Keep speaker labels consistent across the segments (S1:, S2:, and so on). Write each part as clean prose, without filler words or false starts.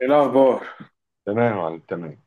S1: ايه الاخبار؟
S2: تمام يا معلم، تمام.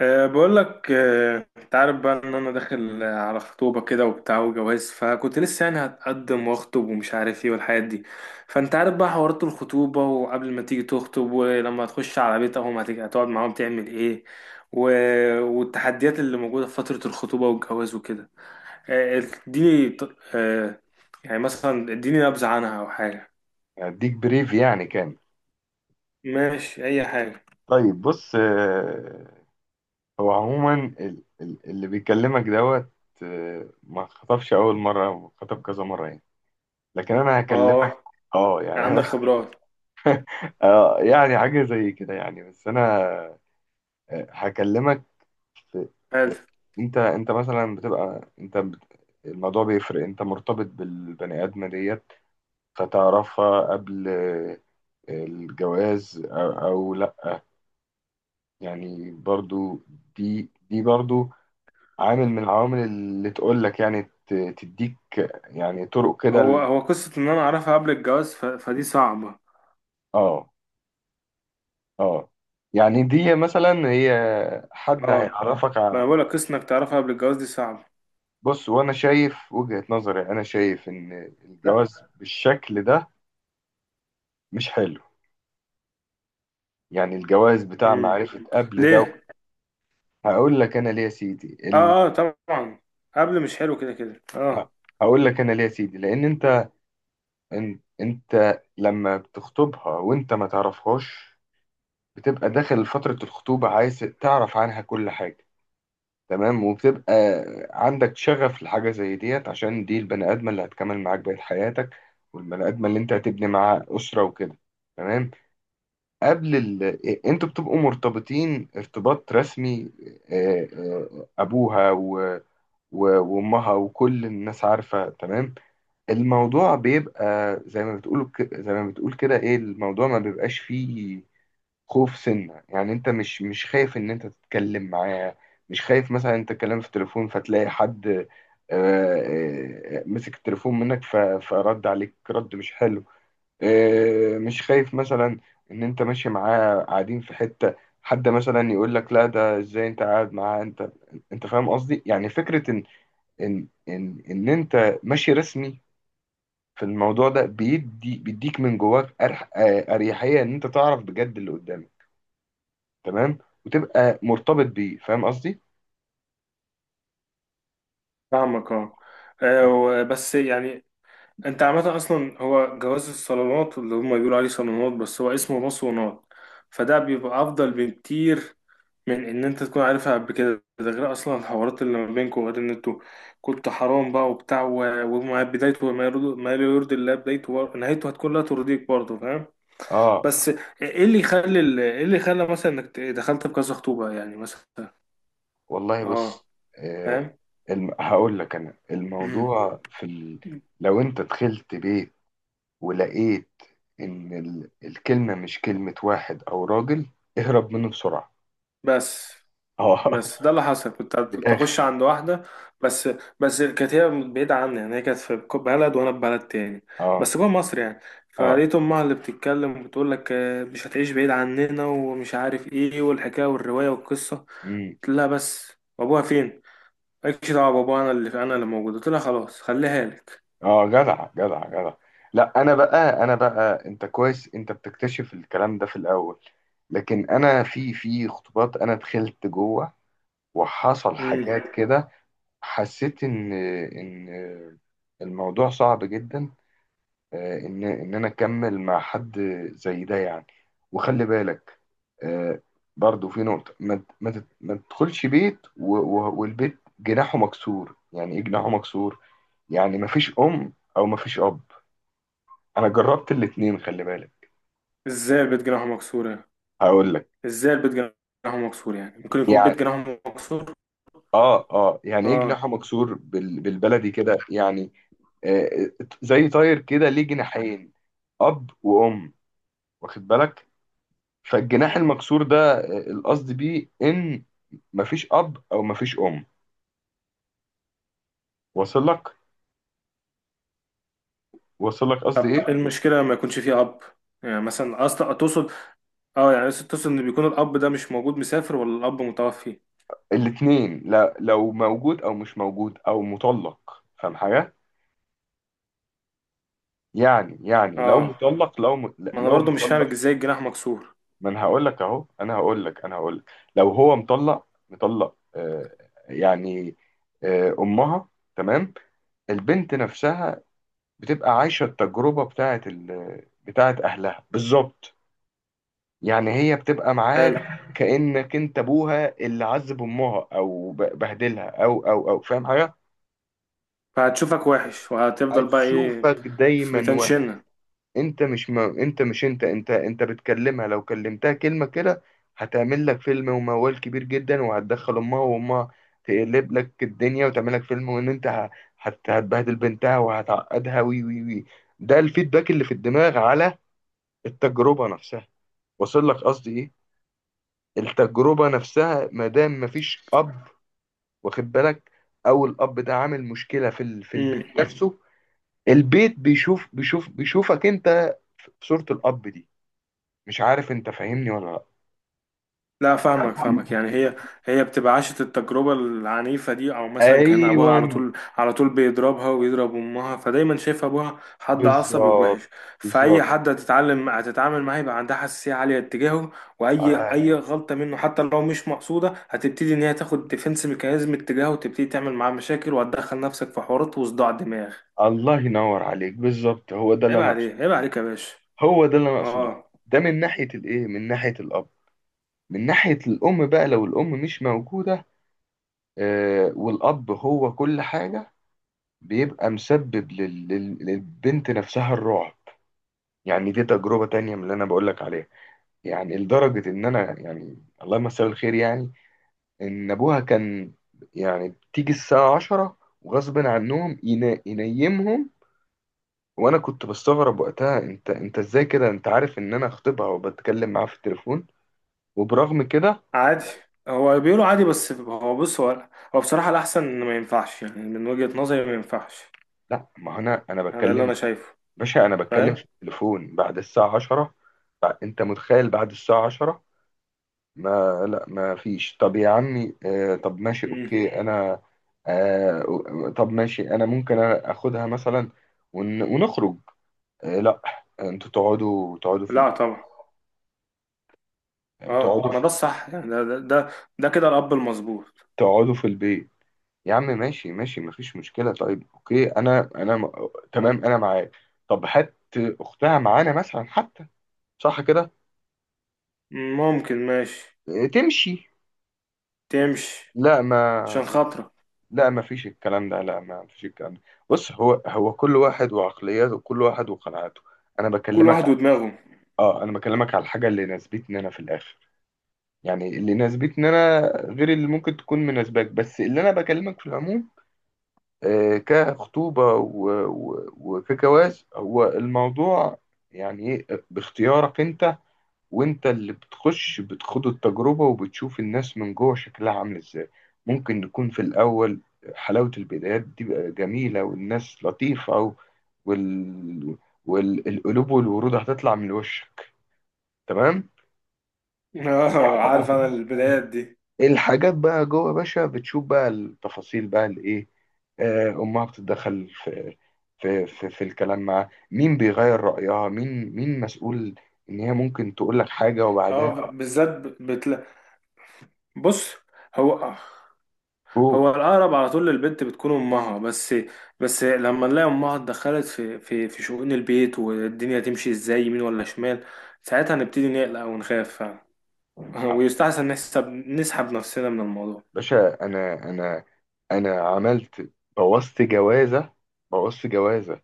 S1: بقول لك، انت عارف بقى ان انا داخل، على خطوبه كده وبتاع وجواز، فكنت لسه يعني هتقدم واخطب ومش عارف ايه والحاجات دي. فانت عارف بقى حوارات الخطوبه، وقبل ما تيجي تخطب ولما تخش على بيت اهو هتيجي هتقعد معاهم تعمل ايه و... والتحديات اللي موجوده في فتره الخطوبه والجواز وكده. آه، اديني ط- أه يعني مثلا اديني نبذه عنها او حاجه.
S2: هديك بريف يعني كامل.
S1: ماشي اي حاجه.
S2: طيب بص، هو عموما اللي بيكلمك دوت ما خطبش أول مرة، خطب كذا مرة يعني. لكن أنا هكلمك.
S1: اه،
S2: اه يعني
S1: عندك
S2: أنا
S1: خبرات.
S2: اه يعني حاجة زي كده يعني، بس أنا هكلمك. في في.
S1: حلو.
S2: أنت مثلا بتبقى الموضوع بيفرق. أنت مرتبط بالبني آدمة ديت، فتعرفها قبل الجواز أو يعني برضو دي برضو عامل من العوامل اللي تقول لك يعني تديك يعني طرق كده
S1: هو هو قصة إن أنا أعرفها قبل الجواز فدي صعبة.
S2: اه. اه يعني دي مثلا هي حد
S1: اه،
S2: هيعرفك
S1: ما
S2: ع-
S1: أنا بقولك قصة إنك تعرفها قبل الجواز دي صعبة.
S2: بص، وانا شايف وجهة نظري، انا شايف ان
S1: لا.
S2: الجواز بالشكل ده مش حلو. يعني الجواز بتاع
S1: امم،
S2: معرفة قبل ده،
S1: ليه؟
S2: هقول لك انا ليه يا سيدي ال...
S1: اه اه طبعا، قبل مش حلو كده كده اه.
S2: هقول لك انا ليه يا سيدي. لان انت لما بتخطبها وانت ما تعرفهاش، بتبقى داخل فترة الخطوبة عايز تعرف عنها كل حاجة، تمام؟ وبتبقى عندك شغف لحاجة زي ديت، عشان دي البني آدمة اللي هتكمل معاك بقية حياتك والبني آدمة اللي انت هتبني معاها أسرة وكده، تمام. قبل ال... إيه، انتوا بتبقوا مرتبطين ارتباط رسمي، أبوها وأمها وكل الناس عارفة، تمام. الموضوع بيبقى زي ما بتقول، ك- زي ما بتقول كده ايه الموضوع ما بيبقاش فيه خوف سنة. يعني انت مش خايف ان انت تتكلم معاه، مش خايف مثلا انت تتكلم في التليفون فتلاقي حد مسك التليفون منك فرد عليك رد مش حلو، مش خايف مثلا ان انت ماشي معاه قاعدين في حتة، حد مثلا يقول لك لا ده ازاي انت قاعد معاه. انت فاهم قصدي. يعني فكرة ان انت ماشي رسمي في الموضوع ده، بيدي بيديك من جواك اريحية ان انت تعرف بجد اللي قدامك، تمام، وتبقى مرتبط بيه، فاهم قصدي.
S1: فاهمك اه. بس يعني أنت عامة أصلا هو جواز الصالونات اللي هما بيقولوا عليه صالونات بس هو اسمه مصونات، فده بيبقى أفضل بكتير من ان انت تكون عارفها قبل كده، ده غير اصلا الحوارات اللي ما بينكم وغير ان انتوا كنت حرام بقى وبتاع وما بدايته ما يرضي، ما لا يرضي الله بدايته نهايته هتكون لا ترضيك برضه، فاهم؟ بس
S2: اه
S1: ايه اللي يخلي ايه اللي خلى مثلا انك دخلت بكذا خطوبة يعني مثلا؟
S2: والله
S1: اه،
S2: بص، آه
S1: فاهم.
S2: هقول لك انا الموضوع لو انت دخلت بيت ولقيت ان الكلمة مش كلمة واحد او راجل، اهرب منه بسرعة.
S1: بس
S2: اه
S1: بس ده اللي حصل، كنت
S2: من
S1: كنت اخش
S2: الاخر.
S1: عند واحده. بس بس كانت هي بعيده عني، يعني هي كانت في بلد وانا في بلد تاني،
S2: اه.
S1: بس جوه مصر يعني.
S2: اه.
S1: فلقيت امها اللي بتتكلم وبتقول لك مش هتعيش بعيد عننا ومش عارف ايه والحكايه والروايه والقصه.
S2: امم.
S1: قلت لها بس، وابوها فين؟ مالكش دعوه بابوها، انا اللي موجود. قلت لها خلاص خليها لك.
S2: اه، جدع جدع جدع. لا انا بقى، انا بقى انت كويس انت بتكتشف الكلام ده في الاول، لكن انا في خطوبات انا دخلت جوه وحصل
S1: امم،
S2: حاجات كده، حسيت ان الموضوع صعب جدا ان انا اكمل مع حد زي ده يعني. وخلي بالك آه، برضو في نقطة، ما ت- ما تت- ما تدخلش بيت والبيت جناحه مكسور. يعني ايه جناحه مكسور؟ يعني ما فيش ام او ما فيش اب. انا جربت الاتنين، خلي بالك.
S1: ازاي البيت جناحه مكسور يعني؟
S2: هقول لك.
S1: ازاي البيت جناحه مكسور يعني؟ ممكن يكون
S2: يعني
S1: بيت جناحه مكسور؟
S2: اه اه، يعني ايه
S1: اه،
S2: جناحه مكسور؟ بالبلدي كده يعني آه، زي طاير كده ليه جناحين، اب وام، واخد بالك. فالجناح المكسور ده القصد بيه ان مفيش اب او مفيش ام. واصل لك؟ واصل لك قصدي
S1: طب إيه
S2: ايه.
S1: المشكلة ما يكونش فيه أب؟ يعني مثلا أصلا تقصد، اه يعني أصل تقصد إن بيكون الأب ده مش موجود مسافر، ولا الأب متوفي؟
S2: الاتنين، لا لو موجود او مش موجود او مطلق، فاهم حاجه. يعني، يعني لو
S1: اه،
S2: مطلق،
S1: ما أنا
S2: لو
S1: برضو مش
S2: مطلق،
S1: فاهم ازاي الجناح مكسور.
S2: ما انا هقول لك اهو. انا هقول لك انا هقول لك لو هو مطلق مطلق آه، يعني آه، امها، تمام. البنت نفسها بتبقى عايشه التجربه بتاعه بتاعه اهلها بالظبط. يعني هي بتبقى معاك
S1: حلو،
S2: كانك انت ابوها اللي عذب امها او بهدلها او فاهم حاجه.
S1: فهتشوفك وحش وهتفضل بقى ايه؟
S2: هتشوفك
S1: في ميتان
S2: دايما.
S1: شنة.
S2: انت مش، ما انت مش انت انت انت بتكلمها، لو كلمتها كلمة كده هتعمل لك فيلم وموال كبير جدا، وهتدخل امها. تقلب لك الدنيا وتعمل لك فيلم، وان انت هتبهدل بنتها وهتعقدها، وي وي وي. ده الفيدباك اللي في الدماغ على التجربة نفسها. وصل لك قصدي ايه؟ التجربة نفسها ما دام مفيش اب، واخد بالك، او الاب ده عامل مشكلة في البيت نفسه، البيت بيشوف بيشوفك انت في صورة الاب دي. مش عارف انت فاهمني ولا لا.
S1: لا فاهمك فاهمك، يعني هي بتبقى عاشت التجربة العنيفة دي، او مثلا كان ابوها
S2: ايوه،
S1: على طول على طول بيضربها ويضرب امها، فدايما شايف ابوها حد عصبي
S2: بالظبط.
S1: ووحش. فاي
S2: بالظبط.
S1: حد هتتعلم هتتعامل معاه يبقى عندها حساسية عالية اتجاهه. واي
S2: ايوه،
S1: غلطة منه حتى لو مش مقصودة هتبتدي ان هي تاخد ديفنس ميكانيزم اتجاهه، وتبتدي تعمل معاه مشاكل وتدخل نفسك في حوارات وصداع دماغ.
S2: الله ينور عليك بالظبط، هو ده اللي
S1: عيب
S2: انا اقصده.
S1: عليك عيب عليك يا باشا.
S2: هو ده اللي انا اقصده.
S1: اه
S2: ده من ناحيه الايه، من ناحيه الاب. من ناحيه الام بقى، لو الام مش موجوده آه، والاب هو كل حاجه، بيبقى مسبب للبنت نفسها الرعب. يعني دي تجربه تانية من اللي انا بقول لك عليها. يعني لدرجه ان انا، يعني الله يمسيه بالخير يعني، ان ابوها كان، يعني بتيجي الساعة 10 وغصب عنهم ينيمهم. وانا كنت بستغرب وقتها، انت ازاي كده؟ انت عارف ان انا خطيبها وبتكلم معاها في التليفون وبرغم كده.
S1: عادي. هو بيقولوا عادي، بس هو بص، هو بصراحة الأحسن إن ما ينفعش، يعني من وجهة نظري ما ينفعش.
S2: لا، ما هو انا
S1: يعني ده اللي
S2: بتكلم،
S1: أنا شايفه،
S2: باشا انا بتكلم في
S1: فاهم؟
S2: التليفون بعد الساعة 10. انت متخيل بعد الساعة 10؟ ما فيش. طب يا عمي، آه طب ماشي
S1: مم.
S2: اوكي انا، آه طب ماشي انا ممكن اخدها مثلا ونخرج. آه، لا، انتوا
S1: لا طبعا. اه
S2: تقعدوا
S1: ما ده
S2: في
S1: الصح، يعني ده ده كده الأب المظبوط.
S2: تقعدوا في البيت. يا عم ماشي ماشي، مفيش مشكلة، طيب اوكي انا، تمام انا معاك، طب هات اختها معانا مثلا حتى، صح كده.
S1: ممكن ماشي.
S2: إيه، تمشي.
S1: تمشي
S2: لا
S1: عشان
S2: ما
S1: خاطرك.
S2: لا ما فيش الكلام ده، لا ما فيش الكلام ده. بص، هو كل واحد وعقلياته، كل واحد وقناعاته. انا
S1: كل
S2: بكلمك
S1: واحد
S2: ع-
S1: ودماغه.
S2: اه انا بكلمك على الحاجة اللي ناسبتني انا في الاخر، يعني اللي ناسبتني انا، غير اللي ممكن تكون مناسباك، بس اللي انا بكلمك في العموم كخطوبة وكجواز. هو الموضوع يعني ايه؟ باختيارك انت، وانت اللي بتخوض التجربة، وبتشوف الناس من جوه شكلها عامل ازاي. ممكن نكون في الأول حلاوة البدايات دي بقى جميلة، والناس لطيفة و- وال... والقلوب والورود هتطلع من وشك، تمام؟
S1: اه، عارف أنا البدايات دي.
S2: الحاجات بقى جوه باشا بتشوف بقى التفاصيل بقى الايه، امها بتتدخل في الكلام معاه، مين بيغير رأيها، مين مين مسؤول، ان هي ممكن تقول لك حاجة
S1: اه،
S2: وبعدها
S1: بالذات بتلا، بص، هو
S2: تقول.
S1: هو الأقرب على طول للبنت بتكون أمها. بس، بس لما نلاقي أمها اتدخلت في شؤون البيت والدنيا تمشي إزاي يمين ولا شمال، ساعتها نبتدي نقلق ونخاف فعلا. ويستحسن نسحب نفسنا من الموضوع.
S2: باشا انا عملت بوظت جوازة. بوظت جوازة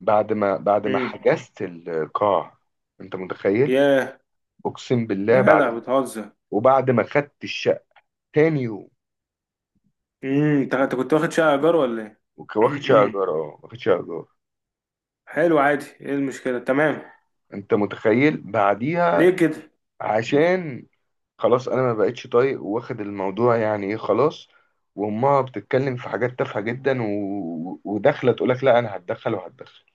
S2: بعد ما
S1: امم.
S2: حجزت القاع. انت متخيل؟
S1: ياه،
S2: اقسم بالله،
S1: يا
S2: بعد
S1: جدع
S2: ما
S1: بتهزر!
S2: وبعد ما خدت الشقة، تاني يوم.
S1: امم، انت كنت واخد شقة إيجار ولا إيه؟
S2: واخد شقة ايجار، اه واخد شقة ايجار.
S1: حلو عادي، إيه المشكلة، تمام.
S2: انت متخيل
S1: ليه
S2: بعديها؟
S1: كده؟
S2: عشان خلاص انا ما بقتش طايق واخد الموضوع، يعني ايه خلاص. وامها بتتكلم في حاجات تافهه جدا وداخله تقول لك لا انا هتدخل وهتدخل،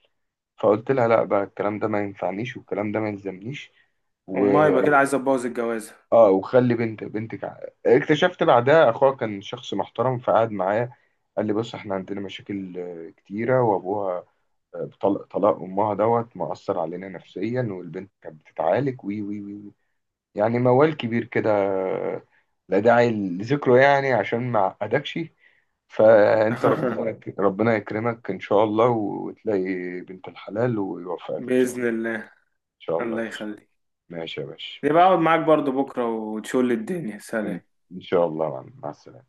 S2: فقلت لها لا بقى، الكلام ده ما ينفعنيش والكلام ده ما يلزمنيش. و،
S1: أمها يبقى كده عايزة تبوظ الجوازة.
S2: اه، وخلي بنت اكتشفت بعدها اخوها كان شخص محترم، فقعد معايا قال لي بص احنا عندنا مشاكل كتيره، وابوها طلق طلاق امها دوت مأثر علينا نفسيا، والبنت كانت بتتعالج، وي وي وي. يعني موال كبير كده، لا داعي لذكره يعني عشان ما اعقدكش. فانت، ربنا يكرمك ان شاء الله، وتلاقي بنت الحلال ويوفقك ان شاء الله.
S1: بإذن الله.
S2: ان شاء الله يا
S1: الله
S2: باشا.
S1: يخليك.
S2: ماشي يا باشا،
S1: يبقى أقعد
S2: ماشي.
S1: معاك برضو بكرة وتشول الدنيا.
S2: ان
S1: سلام.
S2: إن شاء الله يا معلم. مع السلامة.